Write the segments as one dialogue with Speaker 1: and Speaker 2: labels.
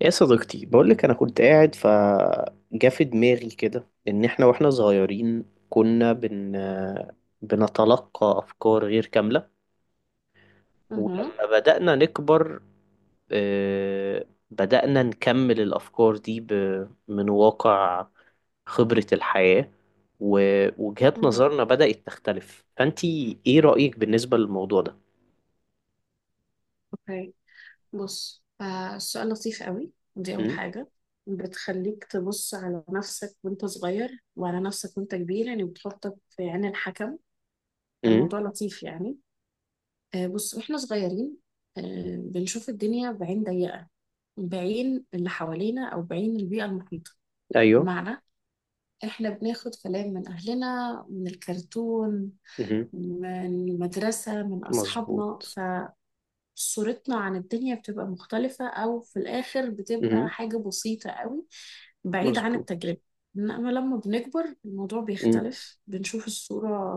Speaker 1: يا صديقتي، بقولك أنا كنت قاعد فجا في دماغي كده، إن إحنا وإحنا صغيرين كنا بنتلقى أفكار غير كاملة.
Speaker 2: مهم.
Speaker 1: ولما بدأنا نكبر، بدأنا نكمل الأفكار دي من واقع خبرة الحياة. ووجهات
Speaker 2: مهم.
Speaker 1: نظرنا بدأت تختلف. فأنتي إيه رأيك بالنسبة للموضوع ده؟
Speaker 2: اوكي. بص، آه السؤال لطيف قوي، دي اول
Speaker 1: امم.
Speaker 2: حاجه بتخليك تبص على نفسك وانت صغير وعلى نفسك وانت كبير، يعني بتحطك في عين الحكم،
Speaker 1: امم.
Speaker 2: فالموضوع لطيف يعني. آه بص، واحنا صغيرين آه بنشوف الدنيا بعين ضيقه، بعين اللي حوالينا او بعين البيئه المحيطه،
Speaker 1: ايوه.
Speaker 2: بمعنى احنا بناخد كلام من اهلنا، من الكرتون،
Speaker 1: امم.
Speaker 2: من المدرسه، من اصحابنا.
Speaker 1: مظبوط.
Speaker 2: صورتنا عن الدنيا بتبقى مختلفة أو في الآخر بتبقى
Speaker 1: امم.
Speaker 2: حاجة بسيطة قوي، بعيد عن
Speaker 1: مظبوط.
Speaker 2: التجربة. إنما لما بنكبر الموضوع بيختلف، بنشوف الصورة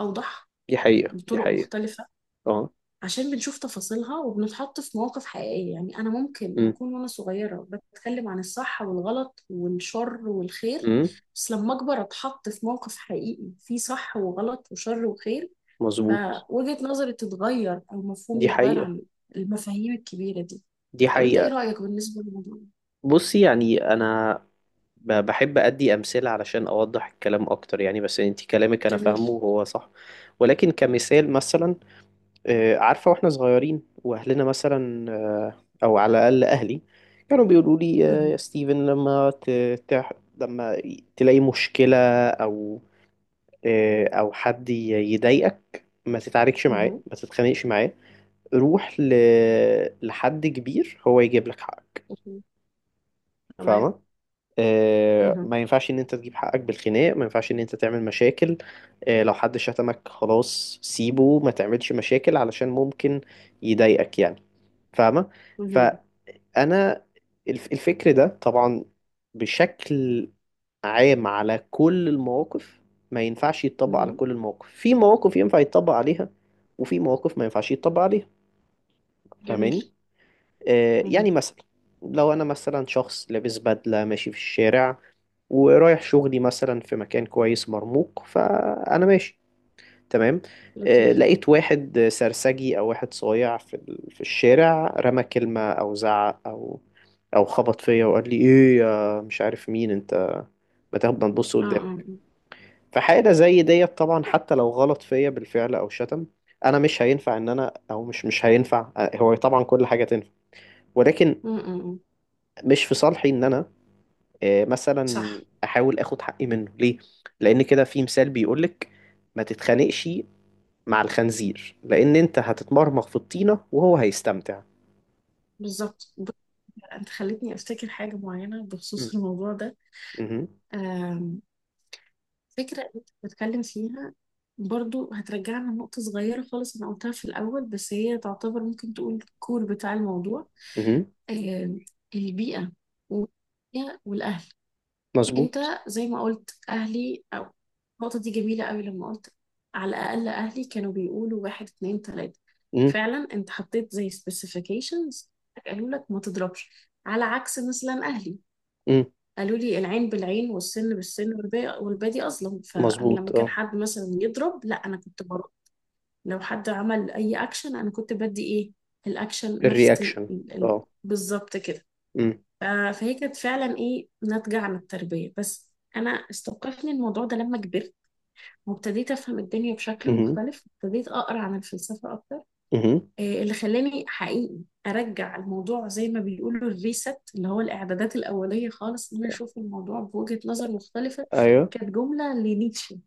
Speaker 2: أوضح،
Speaker 1: دي حقيقة. دي
Speaker 2: بطرق
Speaker 1: حقيقة.
Speaker 2: مختلفة،
Speaker 1: اه.
Speaker 2: عشان بنشوف تفاصيلها وبنتحط في مواقف حقيقية. يعني أنا ممكن
Speaker 1: امم.
Speaker 2: أكون وأنا صغيرة بتكلم عن الصح والغلط والشر والخير،
Speaker 1: امم.
Speaker 2: بس لما أكبر أتحط في موقف حقيقي فيه صح وغلط وشر وخير،
Speaker 1: مظبوط.
Speaker 2: فوجهة نظري تتغير أو مفهومي
Speaker 1: دي
Speaker 2: يتغير
Speaker 1: حقيقة.
Speaker 2: عن المفاهيم الكبيرة دي.
Speaker 1: دي
Speaker 2: طب أنت إيه
Speaker 1: حقيقة.
Speaker 2: رأيك بالنسبة للموضوع؟
Speaker 1: بصي، يعني أنا بحب أدي أمثلة علشان أوضح الكلام أكتر. يعني بس أنت كلامك أنا
Speaker 2: جميل.
Speaker 1: فاهمه وهو صح. ولكن كمثال مثلا، عارفة، وإحنا صغيرين وأهلنا مثلا، أو على الأقل أهلي، كانوا بيقولوا لي،
Speaker 2: مهم.
Speaker 1: يا ستيفن، لما لما تلاقي مشكلة، أو أو حد يضايقك، ما تتعاركش معاه،
Speaker 2: مهم.
Speaker 1: ما تتخانقش معاه، روح لحد كبير هو يجيب لك حقك.
Speaker 2: مهم. تمام.
Speaker 1: فاهمة؟
Speaker 2: مهم.
Speaker 1: ما ينفعش ان انت تجيب حقك بالخناق. ما ينفعش ان انت تعمل مشاكل. لو حد شتمك، خلاص سيبه، ما تعملش مشاكل علشان ممكن يضايقك يعني. فاهمة؟
Speaker 2: مهم.
Speaker 1: فانا الفكر ده طبعا بشكل عام على كل المواقف، ما ينفعش يتطبق على
Speaker 2: مهم.
Speaker 1: كل المواقف. في مواقف ينفع يتطبق عليها وفي مواقف ما ينفعش يتطبق عليها.
Speaker 2: جميل.
Speaker 1: فاهماني؟ يعني
Speaker 2: مهم.
Speaker 1: مثلا، لو انا مثلا شخص لابس بدلة ماشي في الشارع، ورايح شغلي مثلا في مكان كويس مرموق، فانا ماشي تمام.
Speaker 2: لطيف.
Speaker 1: لقيت واحد سرسجي او واحد صايع في الشارع، رمى كلمة او زعق او خبط فيا، وقال لي ايه يا مش عارف مين انت، ما تاخد، ما تبص
Speaker 2: آه
Speaker 1: قدامك.
Speaker 2: آه
Speaker 1: فحاجة زي ديت طبعا، حتى لو غلط فيا بالفعل او شتم، انا مش هينفع ان انا، او مش هينفع. هو طبعا كل حاجة تنفع، ولكن
Speaker 2: آه. آه، آه، آه.
Speaker 1: مش في صالحي ان انا مثلا
Speaker 2: صح.
Speaker 1: احاول اخد حقي منه، ليه؟ لان كده في مثال بيقولك، ما تتخانقش مع الخنزير، لان انت هتتمرمغ في الطينة وهو هيستمتع.
Speaker 2: بالظبط. بص، أنت خلتني أفتكر حاجة معينة
Speaker 1: مم.
Speaker 2: بخصوص الموضوع ده.
Speaker 1: مهم.
Speaker 2: آم، فكرة أنت بتتكلم فيها برضو هترجعنا لنقطة صغيرة خالص أنا قلتها في الأول، بس هي تعتبر ممكن تقول الكور بتاع الموضوع.
Speaker 1: مهم.
Speaker 2: آه، البيئة والدنيا والأهل.
Speaker 1: مظبوط.
Speaker 2: أنت زي ما قلت أهلي، أو النقطة دي جميلة قوي لما قلت على الأقل أهلي كانوا بيقولوا واحد اتنين تلاتة،
Speaker 1: مم.
Speaker 2: فعلا أنت حطيت زي specifications، قالوا لك ما تضربش. على عكس مثلا أهلي
Speaker 1: مم.
Speaker 2: قالوا لي العين بالعين والسن بالسن والباقي والبادي أظلم، فأنا
Speaker 1: مظبوط.
Speaker 2: لما كان
Speaker 1: اه.
Speaker 2: حد مثلا يضرب لا أنا كنت برد. لو حد عمل أي أكشن أنا كنت بدي إيه، الأكشن نفس
Speaker 1: الرياكشن. اه.
Speaker 2: بالظبط كده.
Speaker 1: مم.
Speaker 2: آه، فهي كانت فعلا ايه ناتجة عن التربية، بس انا استوقفني الموضوع ده لما كبرت وابتديت افهم الدنيا بشكل
Speaker 1: مهم.
Speaker 2: مختلف، ابتديت اقرا عن الفلسفة اكتر،
Speaker 1: مهم.
Speaker 2: آه، اللي خلاني حقيقي ارجع الموضوع زي ما بيقولوا الريست، اللي هو الاعدادات الاولية خالص، ان انا اشوف الموضوع بوجهة نظر مختلفة.
Speaker 1: ايوه.
Speaker 2: كانت جملة لنيتشه،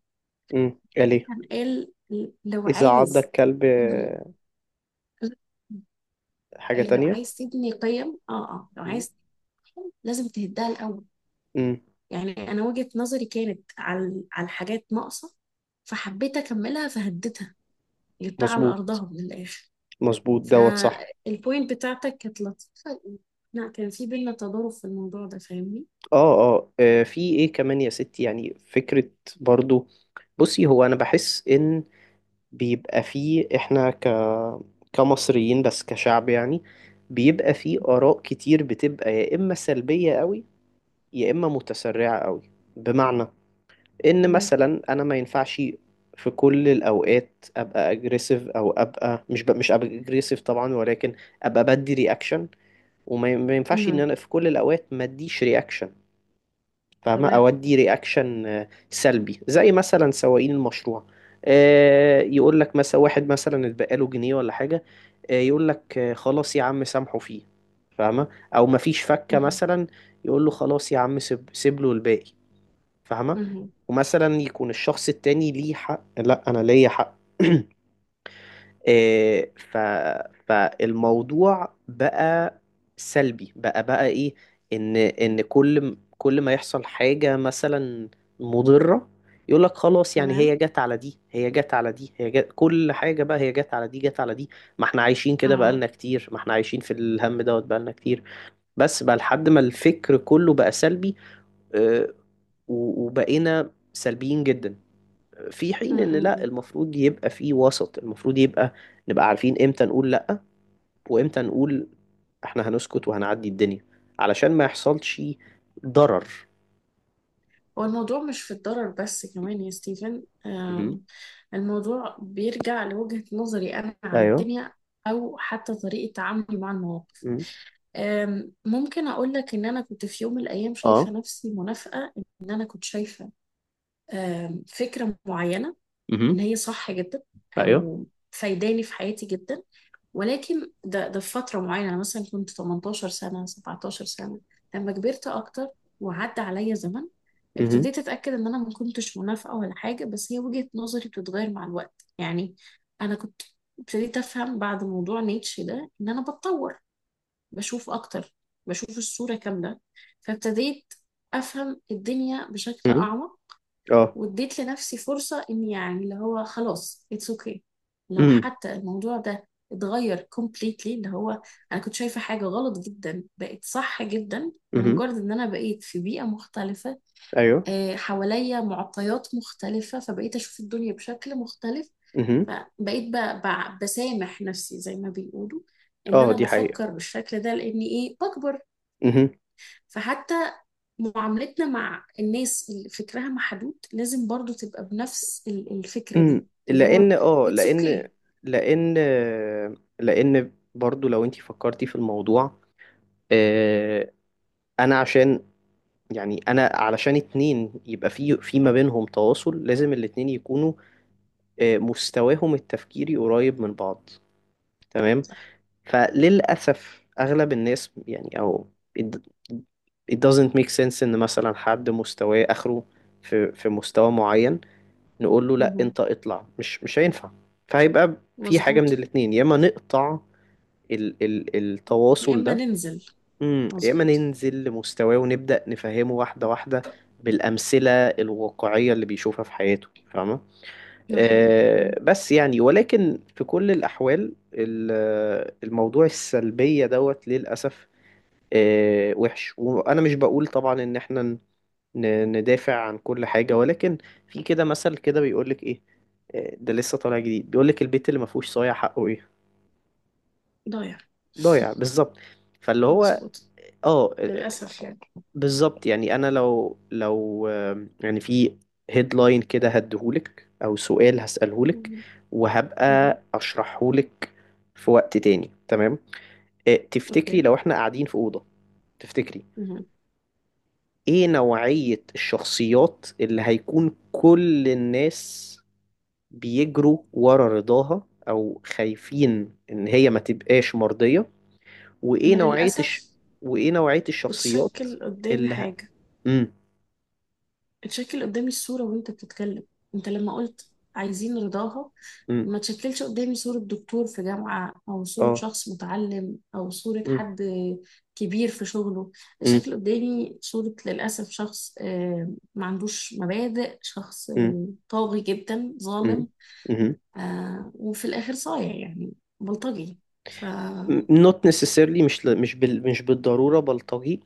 Speaker 1: مم. اليه.
Speaker 2: كان قال لو
Speaker 1: اذا عض
Speaker 2: عايز
Speaker 1: الكلب
Speaker 2: تبني-
Speaker 1: حاجة تانية.
Speaker 2: تبني قيم لو
Speaker 1: مم.
Speaker 2: عايز لازم تهدها الاول.
Speaker 1: مم.
Speaker 2: يعني انا وجهة نظري كانت على حاجات ناقصة، فحبيت اكملها فهديتها، جبتها على
Speaker 1: مظبوط.
Speaker 2: ارضها من الاخر.
Speaker 1: مظبوط دوت صح.
Speaker 2: فالبوينت بتاعتك كانت لطيفة، لا كان في بينا تضارب في الموضوع ده، فاهمني.
Speaker 1: اه. اه. في ايه كمان يا ستي؟ يعني فكرة برضو. بصي، هو انا بحس ان بيبقى فيه، احنا كمصريين بس، كشعب يعني، بيبقى فيه اراء كتير بتبقى يا اما سلبية قوي يا اما متسرعة قوي. بمعنى ان
Speaker 2: تمام.
Speaker 1: مثلا انا ما ينفعش في كل الاوقات ابقى اجريسيف، او ابقى، مش ابقى اجريسيف طبعا، ولكن ابقى بدي رياكشن. وما ي- ما ينفعش ان
Speaker 2: امم.
Speaker 1: انا في كل الاوقات ما اديش رياكشن. فاهمة؟
Speaker 2: تمام.
Speaker 1: أودي رياكشن سلبي زي مثلا سواقين المشروع، يقول لك مثلا واحد مثلا اتبقى له جنيه ولا حاجة، يقول لك خلاص يا عم سامحه فيه. فاهمة؟ أو مفيش فكة
Speaker 2: امم.
Speaker 1: مثلا، يقول له خلاص يا عم، سيب له الباقي. فاهمة؟
Speaker 2: امم.
Speaker 1: ومثلا يكون الشخص التاني ليه حق، لا أنا ليا حق. إيه، فالموضوع بقى سلبي، بقى ايه، ان كل ما يحصل حاجة مثلا مضرة، يقول لك خلاص، يعني هي
Speaker 2: تمام.
Speaker 1: جت على دي، هي جت على دي، هي جت، كل حاجة بقى هي جت على دي، جت على دي. ما احنا عايشين كده
Speaker 2: اه.
Speaker 1: بقالنا كتير، ما احنا عايشين في الهم دوت بقالنا كتير، بس بقى لحد ما الفكر كله بقى سلبي. آه، وبقينا سلبيين جدا. في حين ان لا،
Speaker 2: امم.
Speaker 1: المفروض يبقى في وسط، المفروض يبقى نبقى عارفين امتى نقول لا، وامتى نقول احنا هنسكت وهنعدي الدنيا، علشان ما يحصلش ضرر.
Speaker 2: هو الموضوع مش في الضرر بس كمان يا ستيفن،
Speaker 1: مهم.
Speaker 2: الموضوع بيرجع لوجهة نظري أنا على
Speaker 1: ايوه.
Speaker 2: الدنيا، أو حتى طريقة تعاملي مع المواقف.
Speaker 1: مهم.
Speaker 2: ممكن أقول لك إن أنا كنت في يوم من الأيام شايفة
Speaker 1: اه.
Speaker 2: نفسي منافقة، إن أنا كنت شايفة فكرة معينة إن
Speaker 1: مهم.
Speaker 2: هي صح جدا
Speaker 1: ايوه.
Speaker 2: أو فايداني في حياتي جدا، ولكن ده في فترة معينة أنا مثلا كنت 18 سنة 17 سنة. لما كبرت أكتر وعدى عليا زمن
Speaker 1: مهم.
Speaker 2: ابتديت أتأكد إن أنا ما كنتش منافقة ولا حاجة، بس هي وجهة نظري بتتغير مع الوقت يعني. أنا كنت ابتديت أفهم بعد موضوع نيتشه ده إن أنا بتطور، بشوف أكتر، بشوف الصورة كاملة، فابتديت أفهم الدنيا بشكل
Speaker 1: مهم.
Speaker 2: أعمق،
Speaker 1: اه.
Speaker 2: واديت لنفسي فرصة إن يعني اللي هو خلاص اتس اوكي، لو
Speaker 1: مهم.
Speaker 2: حتى الموضوع ده اتغير completely، اللي هو أنا كنت شايفة حاجة غلط جدا بقت صح جدا
Speaker 1: مهم.
Speaker 2: لمجرد إن أنا بقيت في بيئة مختلفة.
Speaker 1: ايوه.
Speaker 2: آه، حواليا معطيات مختلفة، فبقيت أشوف الدنيا بشكل مختلف،
Speaker 1: مهم.
Speaker 2: فبقيت بسامح نفسي زي ما بيقولوا ان
Speaker 1: اه.
Speaker 2: انا
Speaker 1: دي حقيقة.
Speaker 2: بفكر بالشكل ده لاني ايه بكبر.
Speaker 1: مهم.
Speaker 2: فحتى معاملتنا مع الناس اللي فكرها محدود لازم برضو تبقى بنفس الفكرة دي،
Speaker 1: مم.
Speaker 2: اللي هو
Speaker 1: لان اه
Speaker 2: it's
Speaker 1: لان
Speaker 2: okay.
Speaker 1: لان لان برضو، لو انتي فكرتي في الموضوع، آه، انا عشان، يعني انا علشان اتنين يبقى في ما بينهم تواصل، لازم الاتنين يكونوا، مستواهم التفكيري قريب من بعض، تمام. فللاسف اغلب الناس يعني، او it, it doesn't make sense ان مثلا حد مستواه اخره في مستوى معين، نقول له لا
Speaker 2: مهم.
Speaker 1: انت اطلع، مش هينفع. فهيبقى في حاجة من
Speaker 2: مظبوط.
Speaker 1: الاتنين، يا اما نقطع ال ال
Speaker 2: يا
Speaker 1: التواصل
Speaker 2: إما
Speaker 1: ده،
Speaker 2: ننزل.
Speaker 1: يا اما
Speaker 2: مظبوط.
Speaker 1: ننزل لمستواه ونبدأ نفهمه واحدة واحدة بالأمثلة الواقعية اللي بيشوفها في حياته. فاهمة؟
Speaker 2: ده حقيقي. مم.
Speaker 1: أه بس، يعني ولكن في كل الأحوال الموضوع السلبية دوت للأسف. أه وحش. وأنا مش بقول طبعا إن احنا ندافع عن كل حاجة، ولكن في كده مثل كده بيقولك إيه، ده لسه طالع جديد، بيقولك، البيت اللي ما فيهوش صايع حقه إيه؟
Speaker 2: ضايع.
Speaker 1: ضايع بالظبط. فاللي هو،
Speaker 2: مظبوط.
Speaker 1: اه.
Speaker 2: للأسف يعني.
Speaker 1: بالظبط يعني. انا لو يعني في هيدلاين كده هديهولك، او سؤال هسألهولك،
Speaker 2: مهم. مهم.
Speaker 1: وهبقى اشرحهولك في وقت تاني، تمام؟ تفتكري
Speaker 2: أوكي.
Speaker 1: لو احنا قاعدين في أوضة، تفتكري
Speaker 2: مهم.
Speaker 1: ايه نوعية الشخصيات اللي هيكون كل الناس بيجروا ورا رضاها، او خايفين ان هي ما تبقاش مرضية؟ وايه
Speaker 2: أنا
Speaker 1: نوعية الش...
Speaker 2: للأسف
Speaker 1: وايه نوعية الشخصيات
Speaker 2: اتشكل قدامي
Speaker 1: اللي ه...
Speaker 2: حاجة،
Speaker 1: امم.
Speaker 2: اتشكل قدامي الصورة وانت بتتكلم. انت لما قلت عايزين رضاها
Speaker 1: امم.
Speaker 2: ما تشكلش قدامي صورة دكتور في جامعة او صورة
Speaker 1: اه.
Speaker 2: شخص متعلم او صورة
Speaker 1: مم.
Speaker 2: حد كبير في شغله،
Speaker 1: مم.
Speaker 2: اتشكل قدامي صورة للأسف شخص آه، ما عندوش مبادئ، شخص
Speaker 1: مم.
Speaker 2: آه، طاغي جدا،
Speaker 1: مم.
Speaker 2: ظالم،
Speaker 1: مم.
Speaker 2: آه، وفي الآخر صايع يعني، بلطجي. فالبلطجة
Speaker 1: not necessarily. مش بالضرورة بلطجي.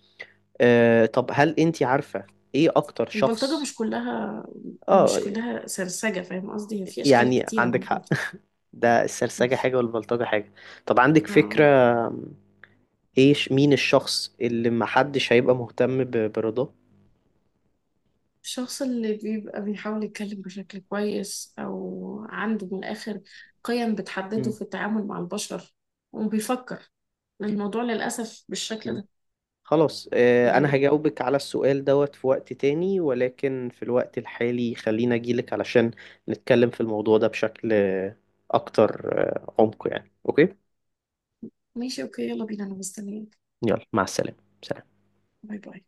Speaker 1: طب هل انت عارفة ايه اكتر شخص؟
Speaker 2: مش كلها،
Speaker 1: اه.
Speaker 2: مش كلها سرسجة، فاهم قصدي، هي في أشكال
Speaker 1: يعني
Speaker 2: كتيرة من
Speaker 1: عندك حق.
Speaker 2: البلطجة.
Speaker 1: ده السرسجة حاجة والبلطجة حاجة. طب عندك فكرة
Speaker 2: آه.
Speaker 1: ايش مين الشخص اللي محدش هيبقى مهتم برضاه؟
Speaker 2: الشخص اللي بيبقى بيحاول يتكلم بشكل كويس أو عنده من الآخر قيم بتحدده
Speaker 1: مم.
Speaker 2: في التعامل مع البشر وبيفكر، لأن الموضوع للأسف بالشكل ده
Speaker 1: خلاص، انا
Speaker 2: يعني.
Speaker 1: هجاوبك على السؤال دوت في وقت تاني، ولكن في الوقت الحالي خلينا اجيلك علشان نتكلم في الموضوع ده بشكل اكتر عمق يعني، اوكي؟
Speaker 2: ماشي أوكي، يلا بينا أنا مستنيك.
Speaker 1: يلا مع السلامة. سلام.
Speaker 2: باي باي.